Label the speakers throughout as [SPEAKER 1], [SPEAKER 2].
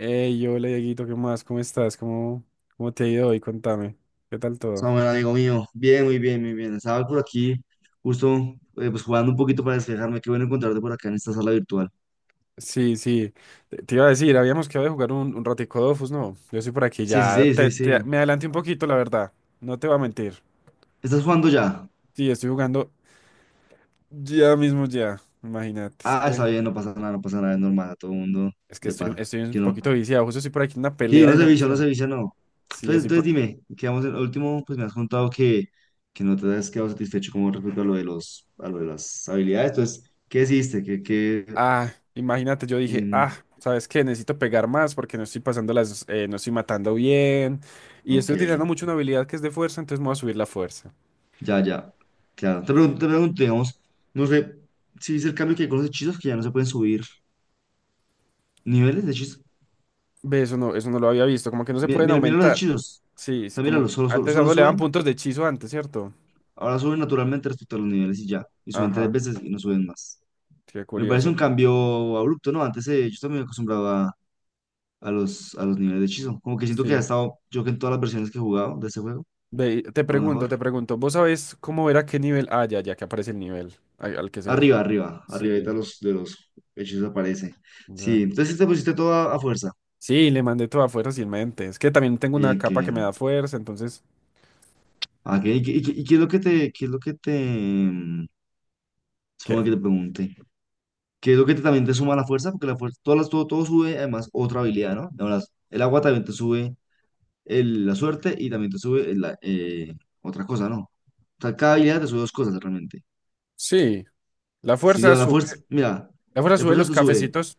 [SPEAKER 1] Hey, hola Dieguito, ¿qué más? ¿Cómo estás? ¿Cómo te ha ido hoy? Contame. ¿Qué tal todo?
[SPEAKER 2] Samuel, amigo mío, bien, muy bien, muy bien. Estaba por aquí, justo pues jugando un poquito para despejarme. Qué bueno encontrarte por acá en esta sala virtual.
[SPEAKER 1] Sí, sí. Te iba a decir, habíamos quedado de jugar un ratico Dofus, ¿no? Yo estoy por aquí
[SPEAKER 2] Sí, sí,
[SPEAKER 1] ya.
[SPEAKER 2] sí, sí, sí.
[SPEAKER 1] Me adelanté un poquito, la verdad. No te voy a mentir.
[SPEAKER 2] ¿Estás jugando ya?
[SPEAKER 1] Sí, estoy jugando ya mismo ya. Imagínate, es
[SPEAKER 2] Ah, está
[SPEAKER 1] que,
[SPEAKER 2] bien, no pasa nada, no pasa nada, es normal, a todo el mundo
[SPEAKER 1] es que
[SPEAKER 2] le
[SPEAKER 1] estoy,
[SPEAKER 2] pasa.
[SPEAKER 1] estoy un
[SPEAKER 2] Que no.
[SPEAKER 1] poquito viciado. Justo estoy por aquí en una
[SPEAKER 2] Sí,
[SPEAKER 1] pelea de una
[SPEAKER 2] uno se
[SPEAKER 1] misión.
[SPEAKER 2] vicia, no.
[SPEAKER 1] Sí,
[SPEAKER 2] Entonces,
[SPEAKER 1] estoy
[SPEAKER 2] entonces
[SPEAKER 1] por...
[SPEAKER 2] dime, quedamos en el último, pues me has contado que no te has quedado satisfecho con respecto a lo de los, a lo de las habilidades. Entonces, ¿qué hiciste? ¿Qué, qué,
[SPEAKER 1] Ah, imagínate, yo dije, ah,
[SPEAKER 2] em,
[SPEAKER 1] ¿sabes qué? Necesito pegar más porque no estoy pasando las, no estoy matando bien y estoy
[SPEAKER 2] ok.
[SPEAKER 1] utilizando mucho una habilidad que es de fuerza, entonces me voy a subir la fuerza.
[SPEAKER 2] Ya, ya, claro. Te pregunto, digamos, no sé si es el cambio que hay con los hechizos que ya no se pueden subir niveles de hechizos.
[SPEAKER 1] Ve, eso no lo había visto, como que no se
[SPEAKER 2] Mira,
[SPEAKER 1] pueden
[SPEAKER 2] mira, mira los
[SPEAKER 1] aumentar.
[SPEAKER 2] hechizos.
[SPEAKER 1] Sí,
[SPEAKER 2] O
[SPEAKER 1] es
[SPEAKER 2] sea,
[SPEAKER 1] como que
[SPEAKER 2] míralos, solo, solo,
[SPEAKER 1] antes a
[SPEAKER 2] solo
[SPEAKER 1] uno le daban
[SPEAKER 2] suben,
[SPEAKER 1] puntos de hechizo antes, ¿cierto?
[SPEAKER 2] ahora suben naturalmente respecto a los niveles y ya. Y suben tres
[SPEAKER 1] Ajá,
[SPEAKER 2] veces y no suben más.
[SPEAKER 1] qué
[SPEAKER 2] Me parece un
[SPEAKER 1] curioso.
[SPEAKER 2] cambio abrupto, ¿no? Antes yo también me acostumbraba a a los niveles de hechizo. Como que siento que ha
[SPEAKER 1] Sí.
[SPEAKER 2] estado, yo que en todas las versiones que he jugado de este juego,
[SPEAKER 1] Ve, y te
[SPEAKER 2] a lo
[SPEAKER 1] pregunto,
[SPEAKER 2] mejor.
[SPEAKER 1] te pregunto, ¿vos sabés cómo era qué nivel? Ah, ya, ya que aparece el nivel al que se
[SPEAKER 2] Arriba,
[SPEAKER 1] desbloquea.
[SPEAKER 2] arriba, arriba, de
[SPEAKER 1] Sí,
[SPEAKER 2] de los hechizos aparece.
[SPEAKER 1] ya.
[SPEAKER 2] Sí, entonces sí te pusiste todo a fuerza.
[SPEAKER 1] Sí, le mandé toda fuerza sin mente. Es que también tengo una
[SPEAKER 2] Bien, qué
[SPEAKER 1] capa que me da
[SPEAKER 2] bien.
[SPEAKER 1] fuerza, entonces.
[SPEAKER 2] Ah, ¿ qué es lo que te, qué es lo que te, supongo que te pregunte? ¿Qué es lo que te- también te suma la fuerza? Porque la fuerza, todas las- todo, todo sube, además, otra habilidad, ¿no? Además, el agua también te sube el- la suerte y también te sube el- otra cosa, ¿no? O sea, cada habilidad te sube dos cosas realmente.
[SPEAKER 1] Sí, la
[SPEAKER 2] Si
[SPEAKER 1] fuerza
[SPEAKER 2] digo, la
[SPEAKER 1] sube,
[SPEAKER 2] fuerza, mira,
[SPEAKER 1] la fuerza
[SPEAKER 2] la
[SPEAKER 1] sube
[SPEAKER 2] fuerza
[SPEAKER 1] los
[SPEAKER 2] te sube.
[SPEAKER 1] cafecitos,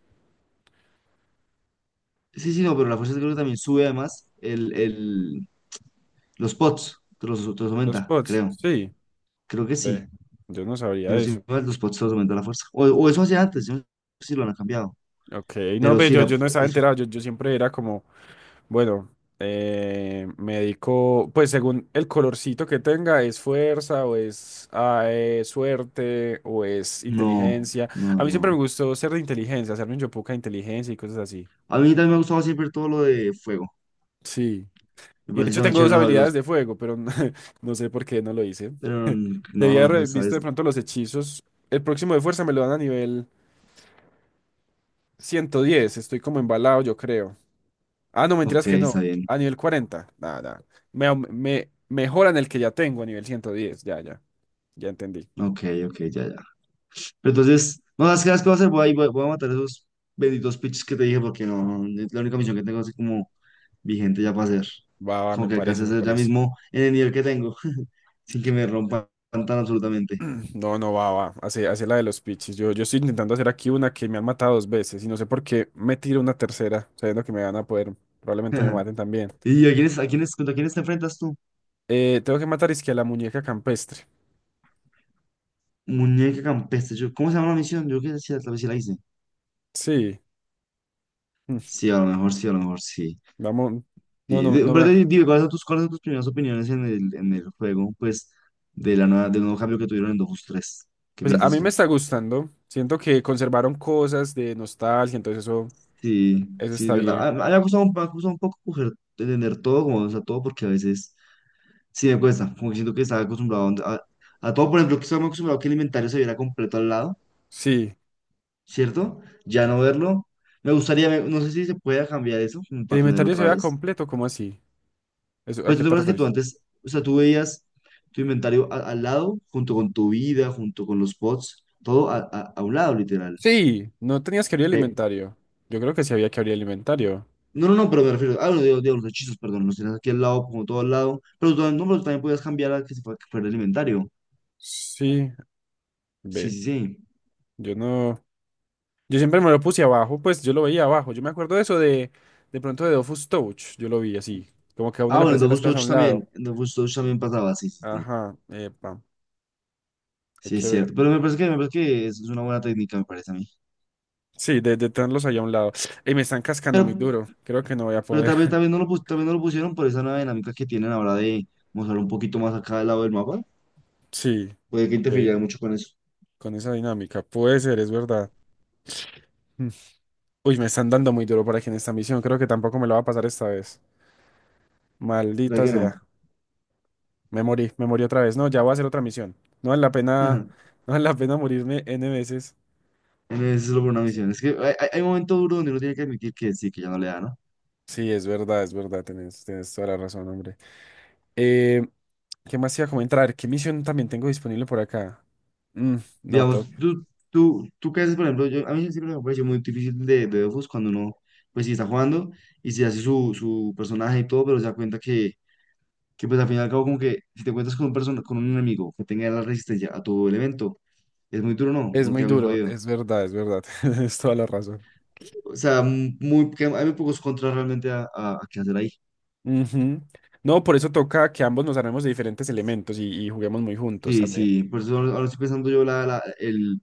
[SPEAKER 2] Sí, sí, no, pero la fuerza creo que también sube además el, los pots, te los
[SPEAKER 1] los
[SPEAKER 2] aumenta,
[SPEAKER 1] pods.
[SPEAKER 2] creo.
[SPEAKER 1] Sí,
[SPEAKER 2] Creo que
[SPEAKER 1] ve,
[SPEAKER 2] sí.
[SPEAKER 1] yo no
[SPEAKER 2] Y
[SPEAKER 1] sabría eso.
[SPEAKER 2] los pots te los aumenta la fuerza. O eso hacía antes, yo no sé si lo han cambiado.
[SPEAKER 1] Ok, no
[SPEAKER 2] Pero
[SPEAKER 1] ve,
[SPEAKER 2] sí,
[SPEAKER 1] yo,
[SPEAKER 2] la,
[SPEAKER 1] yo no estaba
[SPEAKER 2] eso,
[SPEAKER 1] enterado, yo siempre era como, bueno, me dedico, pues según el colorcito que tenga, es fuerza o es ah, suerte o es
[SPEAKER 2] no,
[SPEAKER 1] inteligencia. A
[SPEAKER 2] no,
[SPEAKER 1] mí siempre me
[SPEAKER 2] no.
[SPEAKER 1] gustó ser de inteligencia, hacerme un yopuca de inteligencia y cosas así.
[SPEAKER 2] A mí también me ha gustado siempre todo lo de fuego.
[SPEAKER 1] Sí,
[SPEAKER 2] Me
[SPEAKER 1] y de
[SPEAKER 2] parece
[SPEAKER 1] hecho
[SPEAKER 2] también
[SPEAKER 1] tengo dos
[SPEAKER 2] chévere los
[SPEAKER 1] habilidades
[SPEAKER 2] Javelos,
[SPEAKER 1] de fuego, pero no sé por qué no lo hice.
[SPEAKER 2] pero n- no, a lo
[SPEAKER 1] Debía
[SPEAKER 2] mejor
[SPEAKER 1] haber
[SPEAKER 2] esta
[SPEAKER 1] visto
[SPEAKER 2] vez.
[SPEAKER 1] de pronto los hechizos. El próximo de fuerza me lo dan a nivel 110. Estoy como embalado, yo creo. Ah, no,
[SPEAKER 2] No. Ok,
[SPEAKER 1] mentiras que no.
[SPEAKER 2] está bien.
[SPEAKER 1] A nivel 40. Nada, nada. Me mejoran el que ya tengo a nivel 110. Ya, ya. Ya entendí.
[SPEAKER 2] Ok, ok, ya, ya. Pero entonces, no sabes qué las que voy a hacer, voy a, ir- voy a voy a matar esos benditos pitches que te dije porque no, no, es la única misión que tengo así como vigente ya para hacer.
[SPEAKER 1] Va, va,
[SPEAKER 2] Como
[SPEAKER 1] me
[SPEAKER 2] que alcance
[SPEAKER 1] parece,
[SPEAKER 2] a
[SPEAKER 1] me
[SPEAKER 2] hacer ya
[SPEAKER 1] parece.
[SPEAKER 2] mismo en el nivel que tengo, sin que me rompan tan absolutamente.
[SPEAKER 1] No, no, va, va. Hace, hace la de los pitches. Yo estoy intentando hacer aquí una que me han matado dos veces y no sé por qué me tiro una tercera, sabiendo que me van a poder. Probablemente me maten también.
[SPEAKER 2] ¿Y a quiénes, contra quiénes te enfrentas tú?
[SPEAKER 1] Tengo que matar es que a la muñeca campestre.
[SPEAKER 2] Muñeca campestre. Yo, ¿cómo se llama la misión? Yo creo que sí, tal vez sí la hice.
[SPEAKER 1] Sí. Mm.
[SPEAKER 2] Sí, a lo mejor sí, a lo mejor sí.
[SPEAKER 1] Vamos. No,
[SPEAKER 2] Sí.
[SPEAKER 1] no,
[SPEAKER 2] De-
[SPEAKER 1] no
[SPEAKER 2] Pero
[SPEAKER 1] me.
[SPEAKER 2] di- dime, cuáles son tus primeras opiniones en en el juego? Pues, de la nueva, del nuevo cambio que tuvieron en Dofus tres. ¿Qué
[SPEAKER 1] Pues a
[SPEAKER 2] piensas
[SPEAKER 1] mí me
[SPEAKER 2] tú?
[SPEAKER 1] está gustando. Siento que conservaron cosas de nostalgia, entonces eso,
[SPEAKER 2] Sí,
[SPEAKER 1] eso
[SPEAKER 2] sí, es
[SPEAKER 1] está
[SPEAKER 2] verdad.
[SPEAKER 1] bien.
[SPEAKER 2] Ah, me ha costado, un me ha costado un poco coger, entender todo, como, o sea, todo, porque a veces sí me cuesta. Como que siento que estaba acostumbrado a, donde- a todo. Por ejemplo, que estaba acostumbrado a que el inventario se viera completo al lado,
[SPEAKER 1] Sí,
[SPEAKER 2] ¿cierto? Ya no verlo. Me gustaría, ver- no sé si se puede cambiar eso, como
[SPEAKER 1] ¿que el
[SPEAKER 2] para tenerlo
[SPEAKER 1] inventario se
[SPEAKER 2] otra
[SPEAKER 1] vea
[SPEAKER 2] vez.
[SPEAKER 1] completo, cómo así? Eso, ¿a
[SPEAKER 2] Pues tú
[SPEAKER 1] qué
[SPEAKER 2] te
[SPEAKER 1] te
[SPEAKER 2] acuerdas que tú
[SPEAKER 1] refieres?
[SPEAKER 2] antes, o sea, tú veías tu inventario a- al lado, junto con tu vida, junto con los pods, todo a un lado, literal.
[SPEAKER 1] Sí, no tenías que abrir el
[SPEAKER 2] Ve-
[SPEAKER 1] inventario. Yo creo que sí había que abrir el inventario.
[SPEAKER 2] No, no, no, pero me refiero, ah, digo, digo, los hechizos, perdón, los tienes aquí al lado, como todo al lado, pero tú, también- no, pero tú también podías cambiar a que se fue- que fuera el inventario.
[SPEAKER 1] Sí,
[SPEAKER 2] Sí,
[SPEAKER 1] ve,
[SPEAKER 2] sí, sí.
[SPEAKER 1] yo no. Yo siempre me lo puse abajo, pues yo lo veía abajo. Yo me acuerdo de eso de pronto de Dofus Touch. Yo lo vi así, como que a uno
[SPEAKER 2] Ah,
[SPEAKER 1] le
[SPEAKER 2] bueno, en
[SPEAKER 1] parecían las
[SPEAKER 2] Dofus
[SPEAKER 1] cosas a
[SPEAKER 2] Touch
[SPEAKER 1] un
[SPEAKER 2] también,
[SPEAKER 1] lado.
[SPEAKER 2] en Dofus Touch también pasaba, sí, sí, sí.
[SPEAKER 1] Ajá, epa, hay
[SPEAKER 2] Sí,
[SPEAKER 1] que
[SPEAKER 2] es
[SPEAKER 1] ver.
[SPEAKER 2] cierto, pero me parece me parece que es una buena técnica, me parece a mí.
[SPEAKER 1] Sí, de tenerlos ahí a un lado. Y me están cascando
[SPEAKER 2] Pero,
[SPEAKER 1] muy duro. Creo que no voy a
[SPEAKER 2] pero
[SPEAKER 1] poder.
[SPEAKER 2] tal vez no lo, pus- tal vez no lo pusieron por esa nueva dinámica que tienen ahora de mostrar un poquito más acá del lado del mapa.
[SPEAKER 1] Sí,
[SPEAKER 2] Puede que
[SPEAKER 1] ok,
[SPEAKER 2] interfiriera mucho con eso.
[SPEAKER 1] con esa dinámica. Puede ser, es verdad. Mm. Uy, me están dando muy duro por aquí en esta misión. Creo que tampoco me lo va a pasar esta vez.
[SPEAKER 2] ¿Verdad
[SPEAKER 1] Maldita
[SPEAKER 2] que no?
[SPEAKER 1] sea. Me morí otra vez. No, ya voy a hacer otra misión. No vale la pena,
[SPEAKER 2] Ajá.
[SPEAKER 1] no vale la pena morirme N veces.
[SPEAKER 2] En vez de solo por una misión. Es que hay, hay momentos duros donde uno tiene que admitir que sí, que ya no le da, ¿no?
[SPEAKER 1] Sí, es verdad, tienes, tienes toda la razón, hombre. Eh, ¿Qué más iba a comentar? A ver, ¿qué misión también tengo disponible por acá? Mm, no,
[SPEAKER 2] Digamos,
[SPEAKER 1] tengo-
[SPEAKER 2] tú qué haces, por ejemplo, yo, a mí siempre me pareció muy difícil de Dofus cuando uno, pues sí está jugando y se hace su, su personaje y todo, pero se da cuenta que pues al final y al cabo como que si te encuentras con un, persona, con un enemigo que tenga la resistencia a tu elemento, es muy duro, ¿no?
[SPEAKER 1] es
[SPEAKER 2] Uno
[SPEAKER 1] muy
[SPEAKER 2] queda muy
[SPEAKER 1] duro,
[SPEAKER 2] jodido.
[SPEAKER 1] es verdad, tienes toda la razón.
[SPEAKER 2] O sea, m- muy, que hay muy pocos contras realmente a qué hacer ahí.
[SPEAKER 1] Ujú. No, por eso toca que ambos nos armemos de diferentes elementos y juguemos muy juntos
[SPEAKER 2] Sí,
[SPEAKER 1] también.
[SPEAKER 2] sí, por eso ahora estoy pensando yo la, el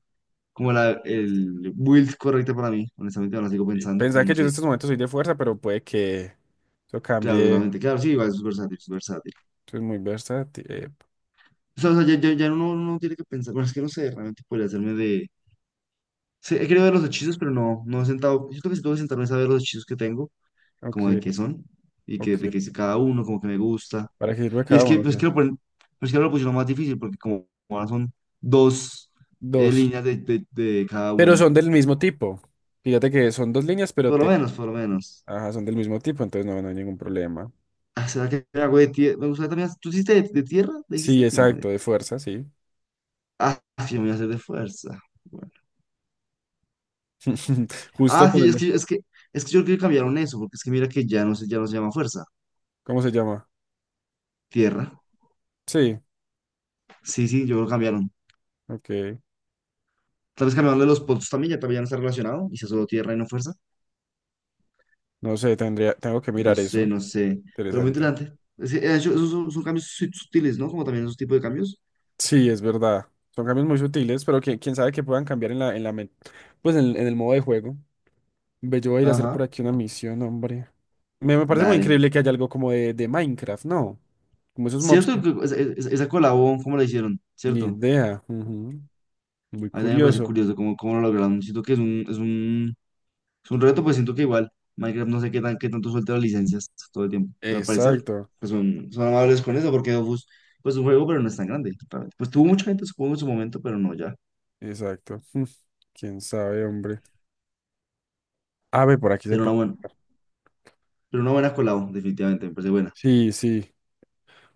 [SPEAKER 2] como la, el build correcta para mí. Honestamente, ahora sigo
[SPEAKER 1] Y
[SPEAKER 2] pensando, como
[SPEAKER 1] pensar que
[SPEAKER 2] no
[SPEAKER 1] yo en
[SPEAKER 2] sé.
[SPEAKER 1] estos momentos soy de fuerza, pero puede que eso
[SPEAKER 2] Claro,
[SPEAKER 1] cambie.
[SPEAKER 2] totalmente. Claro, sí, igual es versátil, es versátil.
[SPEAKER 1] Eso es muy versátil.
[SPEAKER 2] O sea, ya uno no tiene que pensar. Bueno, es que no sé, realmente podría hacerme de. Sí, he querido ver los hechizos, pero no, no he sentado. Yo creo que si tengo que sentarme es a ver los hechizos que tengo,
[SPEAKER 1] Ok,
[SPEAKER 2] como de qué son, y que, de
[SPEAKER 1] ok.
[SPEAKER 2] qué es cada uno, como que me gusta.
[SPEAKER 1] ¿Para qué sirve
[SPEAKER 2] Y
[SPEAKER 1] cada
[SPEAKER 2] es que,
[SPEAKER 1] uno?
[SPEAKER 2] pues, que
[SPEAKER 1] Ya.
[SPEAKER 2] lo ponen, pues que ahora lo pusieron más difícil, porque como ahora son dos
[SPEAKER 1] Dos.
[SPEAKER 2] líneas de cada
[SPEAKER 1] Pero
[SPEAKER 2] una.
[SPEAKER 1] son del mismo tipo. Fíjate que son dos líneas, pero
[SPEAKER 2] Por lo
[SPEAKER 1] te...
[SPEAKER 2] menos, por lo menos.
[SPEAKER 1] Ajá, son del mismo tipo, entonces no, no hay ningún problema.
[SPEAKER 2] Ah, ¿será que hago de tierra? Me gustaría también. ¿Tú hiciste de tierra? ¿Le
[SPEAKER 1] Sí,
[SPEAKER 2] dijiste? No. De-
[SPEAKER 1] exacto, de fuerza, sí.
[SPEAKER 2] Ah, sí, me voy a hacer de fuerza. Bueno.
[SPEAKER 1] Justo
[SPEAKER 2] Ah,
[SPEAKER 1] con
[SPEAKER 2] sí,
[SPEAKER 1] el-
[SPEAKER 2] es que yo creo que cambiaron eso, porque es que mira que ya no se llama fuerza.
[SPEAKER 1] ¿Cómo se llama?
[SPEAKER 2] Tierra.
[SPEAKER 1] Sí,
[SPEAKER 2] Sí, sí, yo creo que cambiaron.
[SPEAKER 1] ok.
[SPEAKER 2] Tal vez cambiaron de los puntos también ya no está relacionado. Y sea solo tierra y no fuerza.
[SPEAKER 1] No sé, tendría, tengo que
[SPEAKER 2] No
[SPEAKER 1] mirar
[SPEAKER 2] sé,
[SPEAKER 1] eso.
[SPEAKER 2] no sé. Pero muy
[SPEAKER 1] Interesante.
[SPEAKER 2] interesante. Es que, yo- esos son, son cambios su- sutiles, ¿no? Como también esos tipos de cambios.
[SPEAKER 1] Sí, es verdad. Son cambios muy sutiles, pero que quién sabe que puedan cambiar en la, pues en el modo de juego. Ve, yo voy a ir a hacer por
[SPEAKER 2] Ajá.
[SPEAKER 1] aquí una misión, hombre. Me parece muy
[SPEAKER 2] Dale.
[SPEAKER 1] increíble que haya algo como de Minecraft, ¿no? Como esos mobs.
[SPEAKER 2] Cierto que esa colabón, ¿cómo la hicieron?
[SPEAKER 1] Ni
[SPEAKER 2] ¿Cierto?
[SPEAKER 1] idea. Ujú. Muy
[SPEAKER 2] A mí también me parece
[SPEAKER 1] curioso.
[SPEAKER 2] curioso cómo, cómo lo lograron. Siento que es un, es un es un reto, pues siento que igual Minecraft no sé qué, tan, qué tanto suelta las licencias todo el tiempo. Pues al parecer,
[SPEAKER 1] Exacto.
[SPEAKER 2] pues son, son amables con eso, porque Dofus, pues un juego, pero no es tan grande. Realmente. Pues tuvo
[SPEAKER 1] e-
[SPEAKER 2] mucha gente, supongo, en su momento, pero no ya.
[SPEAKER 1] Exacto. Mm. Quién sabe, hombre. A ver, por aquí se
[SPEAKER 2] Pero una
[SPEAKER 1] puede.
[SPEAKER 2] buena, pero una buena colado definitivamente, me parece buena.
[SPEAKER 1] Sí, sí.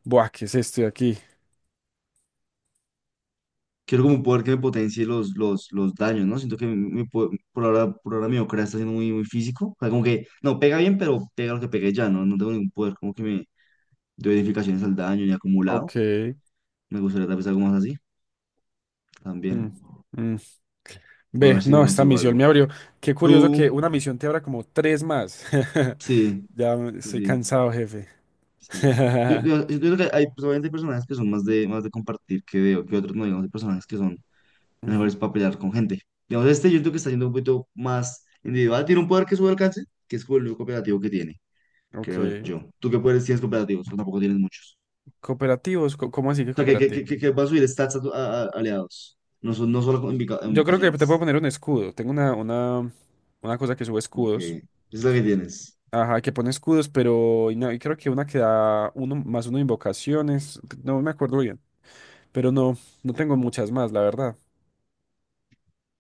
[SPEAKER 1] Buah, ¿qué es esto de aquí?
[SPEAKER 2] Quiero como un poder que me potencie los daños, ¿no? Siento que mi- mi po- por ahora mi Okra está siendo muy, muy físico. O sea, como que, no, pega bien, pero pega lo que pegué ya, ¿no? No tengo ningún poder como que me doy edificaciones al daño ni acumulado.
[SPEAKER 1] Ok.
[SPEAKER 2] Me gustaría tal vez algo más así, también.
[SPEAKER 1] Mm.
[SPEAKER 2] Voy a
[SPEAKER 1] Ve,
[SPEAKER 2] ver si me
[SPEAKER 1] no, esta
[SPEAKER 2] consigo
[SPEAKER 1] misión
[SPEAKER 2] algo.
[SPEAKER 1] me abrió. Qué curioso
[SPEAKER 2] ¿Tú?
[SPEAKER 1] que una misión te abra como tres más.
[SPEAKER 2] Sí, sí,
[SPEAKER 1] Estoy
[SPEAKER 2] sí,
[SPEAKER 1] cansado, jefe.
[SPEAKER 2] sí. Yo, yo- yo creo que hay, pues, obviamente, hay personajes que son más de compartir que de, que otros, no, digamos, hay personajes que son
[SPEAKER 1] Ujú.
[SPEAKER 2] mejores para pelear con gente. Digamos, este yo creo que está yendo un poquito más individual, tiene un poder que sube alcance, que es como el único cooperativo que tiene, creo
[SPEAKER 1] Ok.
[SPEAKER 2] yo. ¿Tú qué poderes tienes cooperativos? Pues tampoco tienes muchos.
[SPEAKER 1] Cooperativos, ¿cómo así que
[SPEAKER 2] O sea,
[SPEAKER 1] cooperativo?
[SPEAKER 2] que vas a subir stats a, tu- a- aliados, no, son, no solo con invoca-
[SPEAKER 1] Yo creo que te puedo
[SPEAKER 2] invocaciones.
[SPEAKER 1] poner un escudo. Una cosa que sube
[SPEAKER 2] Ok,
[SPEAKER 1] escudos.
[SPEAKER 2] esa es la que tienes.
[SPEAKER 1] Ajá, que pone escudos, pero y no, y creo que una que da uno más uno de invocaciones. No me acuerdo bien. Pero no, no tengo muchas más, la verdad.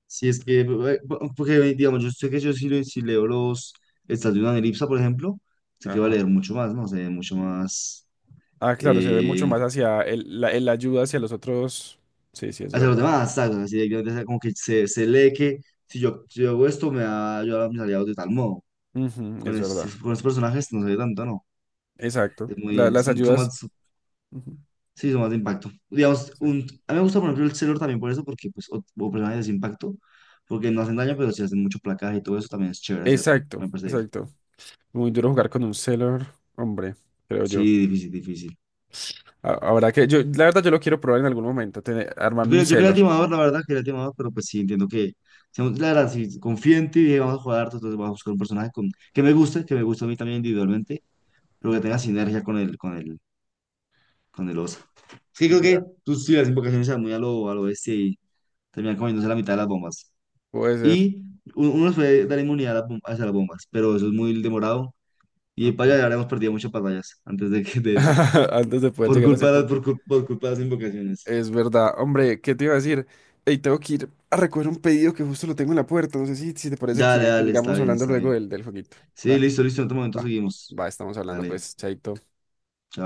[SPEAKER 2] Si es que, po- porque digamos, yo sé que yo si, le- si leo los estados de una elipsa, por ejemplo, sé que va a
[SPEAKER 1] Ajá.
[SPEAKER 2] leer mucho más, ¿no? Se ve mucho más
[SPEAKER 1] Ah, claro, se ve mucho
[SPEAKER 2] eh,
[SPEAKER 1] más hacia el, la el ayuda hacia los otros. Sí, sí, es
[SPEAKER 2] hacia los
[SPEAKER 1] verdad.
[SPEAKER 2] demás, ¿sabes? Así directamente, o sea, como que se lee que si yo, si yo hago esto, me va a ayudar a mis aliados de tal modo.
[SPEAKER 1] Ujú, es verdad.
[SPEAKER 2] Con estos personajes no se ve tanto, ¿no?
[SPEAKER 1] Exacto.
[SPEAKER 2] Es muy,
[SPEAKER 1] La-
[SPEAKER 2] es
[SPEAKER 1] las
[SPEAKER 2] un- son
[SPEAKER 1] ayudas.
[SPEAKER 2] más,
[SPEAKER 1] Ujú,
[SPEAKER 2] sí, son más de impacto. Digamos,
[SPEAKER 1] sí.
[SPEAKER 2] un, a mí me gusta, por ejemplo, el Sailor también por eso, porque, pues, o personajes de impacto, porque no hacen daño, pero si hacen mucho placaje y todo eso, también es chévere hacerlo,
[SPEAKER 1] Exacto,
[SPEAKER 2] me parece.
[SPEAKER 1] exacto. Muy duro jugar con un Sailor, hombre, creo yo.
[SPEAKER 2] Sí, difícil, difícil.
[SPEAKER 1] Ahora que yo, la verdad, yo lo quiero probar en algún momento,
[SPEAKER 2] Yo
[SPEAKER 1] armarme un
[SPEAKER 2] quería, yo quería el
[SPEAKER 1] Sailor.
[SPEAKER 2] timador, la verdad, quería el timador, pero pues sí, entiendo que, seamos- la verdad, si confío en ti y dije, vamos a jugar harto, entonces vamos a buscar un personaje con, que me guste a mí también individualmente, pero que tenga
[SPEAKER 1] Ajá.
[SPEAKER 2] sinergia con el, con el oso. Sí, creo
[SPEAKER 1] Ya.
[SPEAKER 2] que tú sí, las invocaciones eran muy a lo bestia y terminan comiéndose la mitad de las bombas.
[SPEAKER 1] Puede ser.
[SPEAKER 2] Y u- uno les puede dar inmunidad a las, bom- hacia las bombas, pero eso es muy demorado y
[SPEAKER 1] Ok.
[SPEAKER 2] para allá habríamos perdido muchas batallas antes de que de eso,
[SPEAKER 1] Antes de poder
[SPEAKER 2] por
[SPEAKER 1] llegar a ese
[SPEAKER 2] culpa de, las-
[SPEAKER 1] punto.
[SPEAKER 2] por, cul- por culpa de las invocaciones.
[SPEAKER 1] Es verdad. Hombre, ¿qué te iba a decir? Ey, tengo que ir a recoger un pedido que justo lo tengo en la puerta. No sé si, si te parece
[SPEAKER 2] Dale,
[SPEAKER 1] que
[SPEAKER 2] dale, está
[SPEAKER 1] sigamos
[SPEAKER 2] bien,
[SPEAKER 1] hablando
[SPEAKER 2] está
[SPEAKER 1] luego
[SPEAKER 2] bien.
[SPEAKER 1] del, del jueguito.
[SPEAKER 2] Sí,
[SPEAKER 1] Va,
[SPEAKER 2] listo, listo, en otro momento
[SPEAKER 1] va,
[SPEAKER 2] seguimos.
[SPEAKER 1] va, estamos hablando,
[SPEAKER 2] Dale.
[SPEAKER 1] pues, chaito.